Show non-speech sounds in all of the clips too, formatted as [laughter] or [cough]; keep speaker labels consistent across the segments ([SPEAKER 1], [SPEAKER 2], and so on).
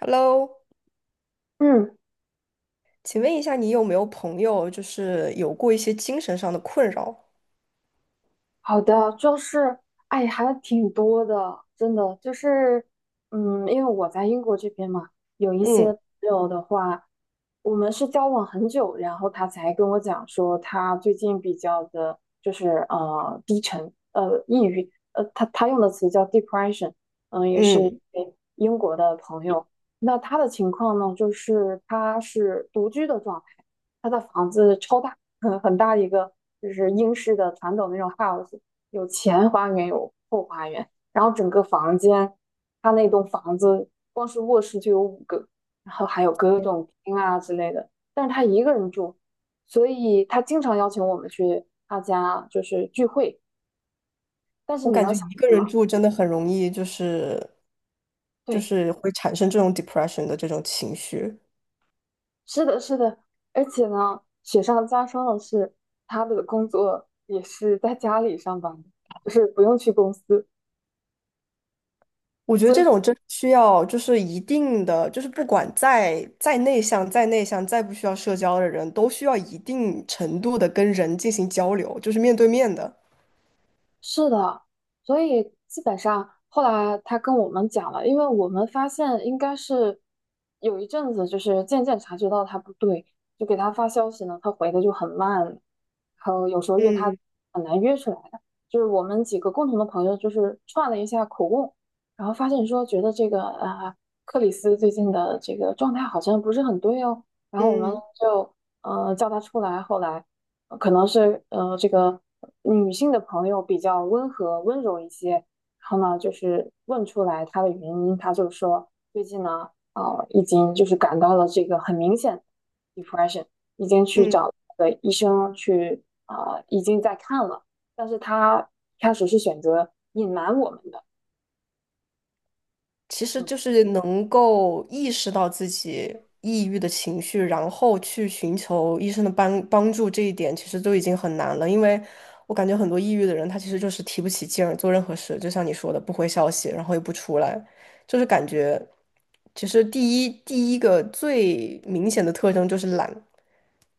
[SPEAKER 1] Hello，
[SPEAKER 2] 嗯，
[SPEAKER 1] 请问一下，你有没有朋友就是有过一些精神上的困扰？
[SPEAKER 2] 好的，就是，哎，还挺多的，真的，就是，因为我在英国这边嘛，有一些
[SPEAKER 1] 嗯
[SPEAKER 2] 朋友的话，我们是交往很久，然后他才跟我讲说，他最近比较的，就是低沉，抑郁，他用的词叫 depression，也是一
[SPEAKER 1] 嗯，
[SPEAKER 2] 位英国的朋友，那他的情况呢，就是他是独居的状态，他的房子超大。很大的一个就是英式的传统那种 house，有前花园有后花园，然后整个房间，它那栋房子光是卧室就有五个，然后还有各种厅啊之类的，但是他一个人住，所以他经常邀请我们去他家就是聚会，但是
[SPEAKER 1] 我
[SPEAKER 2] 你
[SPEAKER 1] 感
[SPEAKER 2] 能
[SPEAKER 1] 觉
[SPEAKER 2] 想
[SPEAKER 1] 一个
[SPEAKER 2] 象
[SPEAKER 1] 人
[SPEAKER 2] 吗？
[SPEAKER 1] 住真的很容易，就是就
[SPEAKER 2] 对，
[SPEAKER 1] 是会产生这种 depression 的这种情绪。
[SPEAKER 2] 是的，是的，而且呢，雪上加霜的是，他的工作也是在家里上班的，就是不用去公司。
[SPEAKER 1] 我觉得
[SPEAKER 2] 所
[SPEAKER 1] 这
[SPEAKER 2] 以。
[SPEAKER 1] 种真需要就是一定的，就是不管再内向、再内向、再不需要社交的人，都需要一定程度的跟人进行交流，就是面对面的。
[SPEAKER 2] 是的，所以基本上后来他跟我们讲了，因为我们发现应该是有一阵子，就是渐渐察觉到他不对，就给他发消息呢，他回的就很慢，然后有时候约他
[SPEAKER 1] 嗯
[SPEAKER 2] 很难约出来的。就是我们几个共同的朋友，就是串了一下口供，然后发现说觉得这个啊、克里斯最近的这个状态好像不是很对哦，然后我们
[SPEAKER 1] 嗯
[SPEAKER 2] 就叫他出来，后来。可能是这个女性的朋友比较温和温柔一些，然后呢，就是问出来她的原因，她就说最近呢啊，已经就是感到了这个很明显的 depression，已经去
[SPEAKER 1] 嗯。
[SPEAKER 2] 找了医生去啊、已经在看了，但是她一开始是选择隐瞒我们的，
[SPEAKER 1] 其实
[SPEAKER 2] 嗯
[SPEAKER 1] 就是能够意识到自己抑郁的情绪，然后去寻求医生的帮助，这一点其实都已经很难了。因为我感觉很多抑郁的人，他其实就是提不起劲儿做任何事，就像你说的，不回消息，然后也不出来，就是感觉，其实第一个最明显的特征就是懒，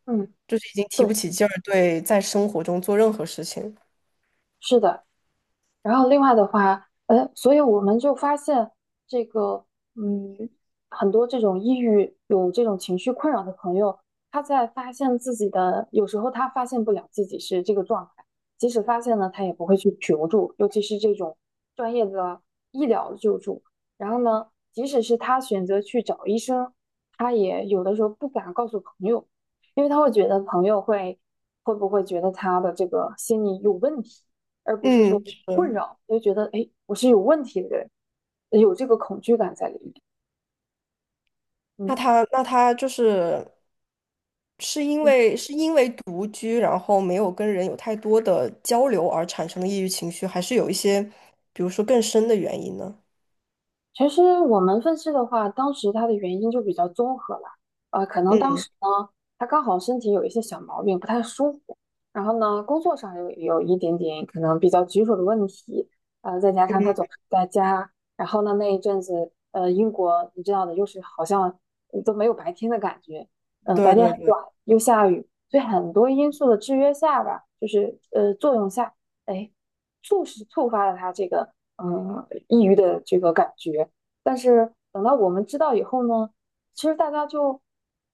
[SPEAKER 2] 嗯，
[SPEAKER 1] 就是已经提不
[SPEAKER 2] 对，
[SPEAKER 1] 起劲儿，对在生活中做任何事情。
[SPEAKER 2] 是的。然后另外的话，所以我们就发现这个，嗯，很多这种抑郁有这种情绪困扰的朋友，他在发现自己的，有时候他发现不了自己是这个状态，即使发现了，他也不会去求助，尤其是这种专业的医疗救助。然后呢，即使是他选择去找医生，他也有的时候不敢告诉朋友，因为他会觉得朋友会不会觉得他的这个心理有问题。而不是说
[SPEAKER 1] 嗯，是。
[SPEAKER 2] 困扰，就觉得哎，我是有问题的人，有这个恐惧感在里面。
[SPEAKER 1] 那
[SPEAKER 2] 嗯，
[SPEAKER 1] 他那他就是是因
[SPEAKER 2] 嗯，
[SPEAKER 1] 为是因为独居，然后没有跟人有太多的交流而产生的抑郁情绪，还是有一些，比如说更深的原因呢？
[SPEAKER 2] 其实我们分析的话，当时他的原因就比较综合了，可能当
[SPEAKER 1] 嗯
[SPEAKER 2] 时呢，他刚好身体有一些小毛病，不太舒服，然后呢，工作上有一点点可能比较棘手的问题，再加上他
[SPEAKER 1] 嗯，
[SPEAKER 2] 总是在家，然后呢，那一阵子，英国你知道的，又是好像都没有白天的感觉，白
[SPEAKER 1] 对
[SPEAKER 2] 天
[SPEAKER 1] 对
[SPEAKER 2] 很
[SPEAKER 1] 对，
[SPEAKER 2] 短，又下雨，所以很多因素的制约下吧，就是作用下，哎，促使触发了他这个。抑郁的这个感觉。但是等到我们知道以后呢，其实大家就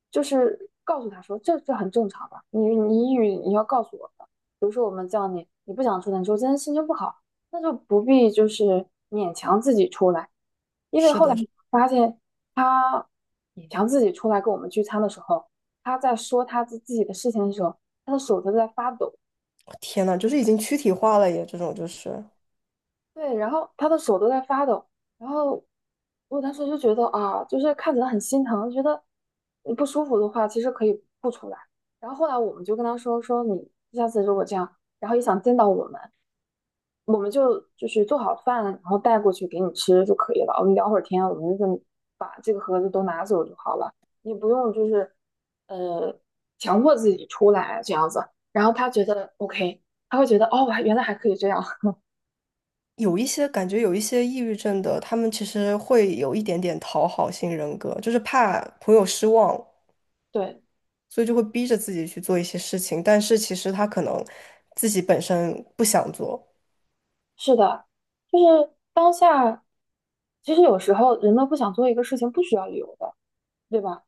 [SPEAKER 2] 就是告诉他说，这很正常吧？你抑郁，你要告诉我的，你不想出来，你说今天心情不好，那就不必就是勉强自己出来，因为
[SPEAKER 1] 是
[SPEAKER 2] 后来
[SPEAKER 1] 的。
[SPEAKER 2] 发现他勉强自己出来跟我们聚餐的时候，他在说他自己的事情的时候，他的手都在发抖。
[SPEAKER 1] 哦天呐，就是已经躯体化了耶，这种就是
[SPEAKER 2] 对，然后他的手都在发抖，然后我当时就觉得啊，就是看起来很心疼，觉得你不舒服的话，其实可以不出来。然后后来我们就跟他说说你下次如果这样，然后也想见到我们，我们就是做好饭，然后带过去给你吃就可以了。我们聊会儿天，我们就把这个盒子都拿走就好了，你不用就是呃强迫自己出来这样子。然后他觉得 OK，他会觉得哦，我还原来还可以这样，
[SPEAKER 1] 有一些感觉，有一些抑郁症的，他们其实会有一点点讨好型人格，就是怕朋友失望，
[SPEAKER 2] [laughs] 对。
[SPEAKER 1] 所以就会逼着自己去做一些事情，但是其实他可能自己本身不想做。
[SPEAKER 2] 是的，就是当下，其实有时候人们不想做一个事情，不需要理由的，对吧？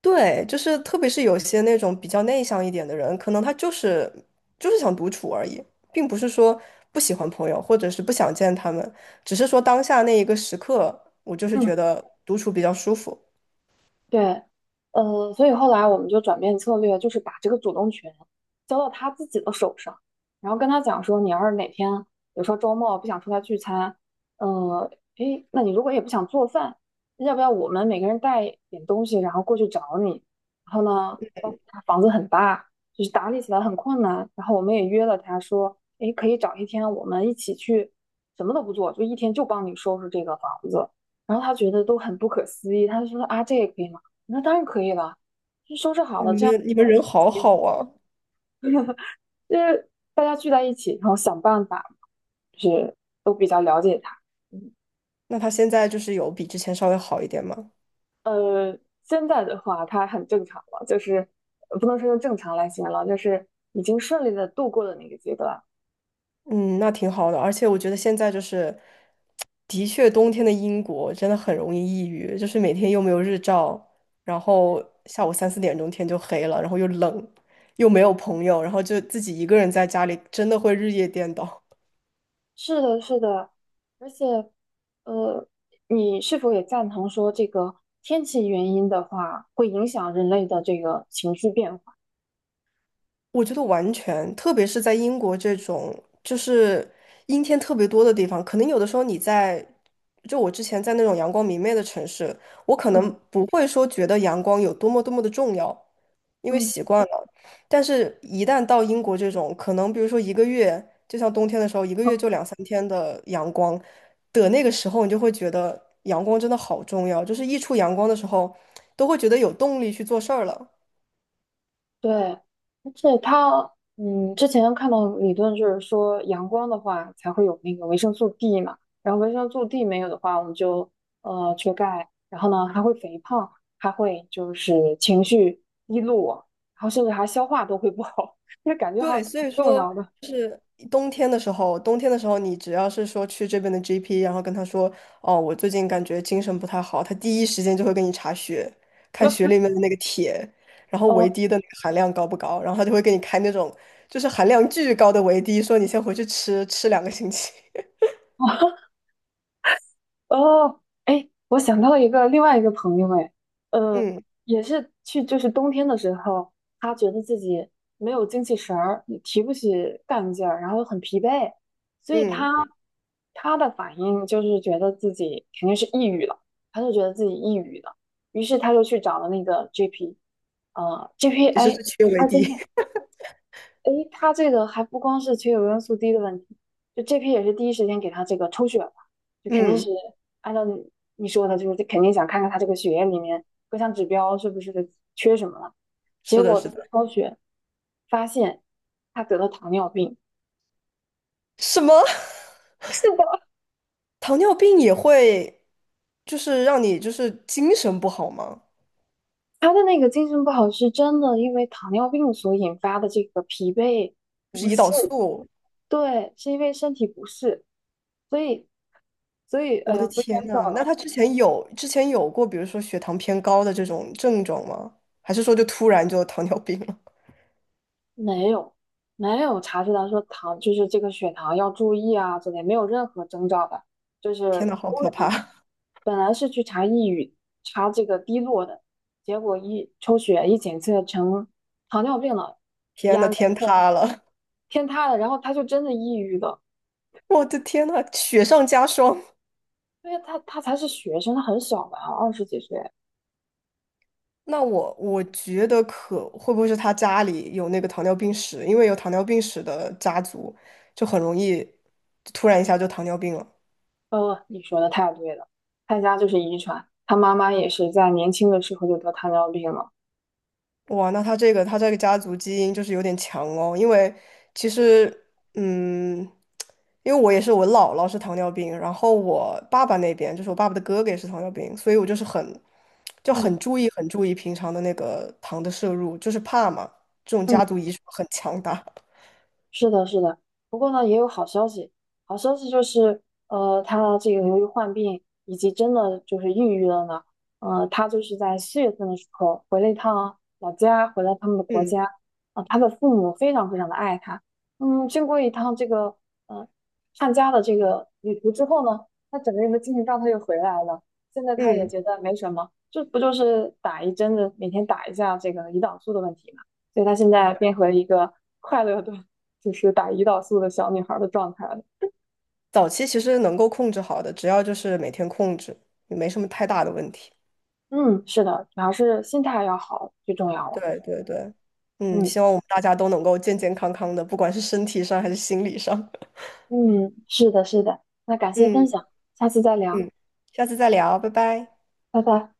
[SPEAKER 1] 对，就是特别是有些那种比较内向一点的人，可能他就是就是想独处而已，并不是说不喜欢朋友，或者是不想见他们，只是说当下那一个时刻，我就是
[SPEAKER 2] 嗯。
[SPEAKER 1] 觉得独处比较舒服。
[SPEAKER 2] 对，所以后来我们就转变策略，就是把这个主动权交到他自己的手上，然后跟他讲说，你要是哪天，比如说周末不想出来聚餐，呃，诶，那你如果也不想做饭，要不要我们每个人带点东西，然后过去找你？然后呢，包括他房子很大，就是打理起来很困难，然后我们也约了他说，诶，可以找一天我们一起去，什么都不做，就一天就帮你收拾这个房子。然后他觉得都很不可思议，他就说啊，这也可以吗？那当然可以了，就收拾好
[SPEAKER 1] 哦，
[SPEAKER 2] 了，
[SPEAKER 1] 你
[SPEAKER 2] 这样
[SPEAKER 1] 们你们人好好啊！
[SPEAKER 2] 就是大家聚在一起，然后想办法，就是
[SPEAKER 1] 那他现在就是有比之前稍微好一点吗？
[SPEAKER 2] 呃，现在的话它很正常了，就是不能说用正常来形容了就是已经顺利的度过了那个阶段。
[SPEAKER 1] 嗯，那挺好的，而且我觉得现在就是，的确冬天的英国真的很容易抑郁，就是每天又没有日照，然后下午三四点钟天就黑了，然后又冷，又没有朋友，然后就自己一个人在家里，真的会日夜颠倒。
[SPEAKER 2] 是的，是的，而且呃，你是否也赞同说这个天气原因的话，会影响人类的这个情绪变化？
[SPEAKER 1] 我觉得完全，特别是在英国这种就是阴天特别多的地方，可能有的时候你在，就我之前在那种阳光明媚的城市，我可
[SPEAKER 2] 嗯
[SPEAKER 1] 能不会说觉得阳光有多么多么的重要，因为
[SPEAKER 2] 嗯。
[SPEAKER 1] 习惯了。但是，一旦到英国这种，可能比如说一个月，就像冬天的时候，一个月就
[SPEAKER 2] [laughs]
[SPEAKER 1] 两三天的阳光的那个时候，你就会觉得阳光真的好重要，就是一出阳光的时候，都会觉得有动力去做事儿了。
[SPEAKER 2] 对，而且它，之前看到理论就是说，阳光的话才会有那个维生素 D 嘛，然后维生素 D 没有的话，我们就缺钙，然后呢还会肥胖，还会就是情绪低落，然后甚至还消化都会不好，[laughs] 就感觉还
[SPEAKER 1] 对，所
[SPEAKER 2] 挺
[SPEAKER 1] 以
[SPEAKER 2] 重要
[SPEAKER 1] 说。
[SPEAKER 2] 的。
[SPEAKER 1] 冬天的时候，冬天的时候，你只要是说去这边的 GP，然后跟他说，哦，我最近感觉精神不太好，他第一时间就会给你查血，
[SPEAKER 2] [laughs]
[SPEAKER 1] 看
[SPEAKER 2] 那
[SPEAKER 1] 血里面的那个铁，然后维
[SPEAKER 2] 哦，
[SPEAKER 1] D 的那个含量高不高，然后他就会给你开那种就是含量巨高的维 D，说你先回去吃吃2个星期。[laughs]
[SPEAKER 2] 哦，哎，我想到了一个另外一个朋友，哎，呃，
[SPEAKER 1] 嗯
[SPEAKER 2] 也是去就是冬天的时候，他觉得自己没有精气神儿，也提不起干劲儿，然后很疲惫，所以他
[SPEAKER 1] 嗯，
[SPEAKER 2] 他的反应就是觉得自己肯定是抑郁了，他就觉得自己抑郁了，于是他就去找了那个 GP，GP，
[SPEAKER 1] 其实
[SPEAKER 2] 哎，
[SPEAKER 1] 是缺维
[SPEAKER 2] 还真是
[SPEAKER 1] D。
[SPEAKER 2] 诶，他这个还不光是缺有元素 D 的问题，就这批也是第一时间给他这个抽血嘛，
[SPEAKER 1] [laughs]
[SPEAKER 2] 就肯定是
[SPEAKER 1] 嗯，
[SPEAKER 2] 按照你说的，就是肯定想看看他这个血液里面各项指标是不是缺什么了。结
[SPEAKER 1] 是的，
[SPEAKER 2] 果
[SPEAKER 1] 是的。
[SPEAKER 2] 抽血发现他得了糖尿病，
[SPEAKER 1] 什么？[laughs]
[SPEAKER 2] 是的，
[SPEAKER 1] 糖尿病也会就是让你就是精神不好吗？
[SPEAKER 2] 他的那个精神不好是真的因为糖尿病所引发的这个疲惫不适，对，是因为身体不适，所以哎
[SPEAKER 1] 我的
[SPEAKER 2] 呀不应
[SPEAKER 1] 天
[SPEAKER 2] 该叫
[SPEAKER 1] 呐，那
[SPEAKER 2] 了，
[SPEAKER 1] 他之前有过，比如说血糖偏高的这种症状吗？还是说就突然就糖尿病了？
[SPEAKER 2] 没有，没有查出来说糖就是这个血糖要注意啊之类，没有任何征兆的，就
[SPEAKER 1] 天
[SPEAKER 2] 是
[SPEAKER 1] 呐，好
[SPEAKER 2] 突
[SPEAKER 1] 可
[SPEAKER 2] 然
[SPEAKER 1] 怕！
[SPEAKER 2] 本来是去查抑郁，查这个低落的，结果一抽血一检测成糖尿病了，
[SPEAKER 1] 天呐，
[SPEAKER 2] 然
[SPEAKER 1] 天
[SPEAKER 2] 后
[SPEAKER 1] 塌了！
[SPEAKER 2] 天塌了，然后他就真的抑郁了，
[SPEAKER 1] 我的天呐，雪上加霜。
[SPEAKER 2] 因为他才是学生，他很小嘛，二十几岁。
[SPEAKER 1] 那我觉得可会不会是他家里有那个糖尿病史？因为有糖尿病史的家族，就很容易突然一下就糖尿病了。
[SPEAKER 2] 你说的太对了，他家就是遗传，他妈妈也是在年轻的时候就得糖尿病了。
[SPEAKER 1] 哇，那他这个家族基因就是有点强哦，因为其实，嗯，因为我也是我姥姥是糖尿病，然后我爸爸那边就是我爸爸的哥哥也是糖尿病，所以我就是很就
[SPEAKER 2] 嗯
[SPEAKER 1] 很注意很注意平常的那个糖的摄入，就是怕嘛，这种家
[SPEAKER 2] 嗯。
[SPEAKER 1] 族遗传很强大。[laughs]
[SPEAKER 2] 是的，是的。不过呢，也有好消息。好消息就是，他这个由于患病以及真的就是抑郁了呢，他就是在四月份的时候回了一趟老家，回了他们的国
[SPEAKER 1] 嗯
[SPEAKER 2] 家。啊、他的父母非常非常的爱他。经过一趟这个呃探家的这个旅途之后呢，他整个人的精神状态又回来了。现在他也
[SPEAKER 1] 嗯，
[SPEAKER 2] 觉得没什么，这不就是打一针的，每天打一下这个胰岛素的问题嘛。所以他现在变回了一个快乐的。就是打胰岛素的小女孩的状态的。
[SPEAKER 1] 早期其实能够控制好的，只要就是每天控制，也没什么太大的问题。
[SPEAKER 2] 嗯，是的，主要是心态要好，最重要了。
[SPEAKER 1] 对对对，嗯，
[SPEAKER 2] 嗯
[SPEAKER 1] 希望我们大家都能够健健康康的，不管是身体上还是心理上。
[SPEAKER 2] 嗯，是的，是的。那感谢分
[SPEAKER 1] 嗯
[SPEAKER 2] 享，下次再聊，
[SPEAKER 1] 嗯，下次再聊，拜拜。
[SPEAKER 2] 拜拜。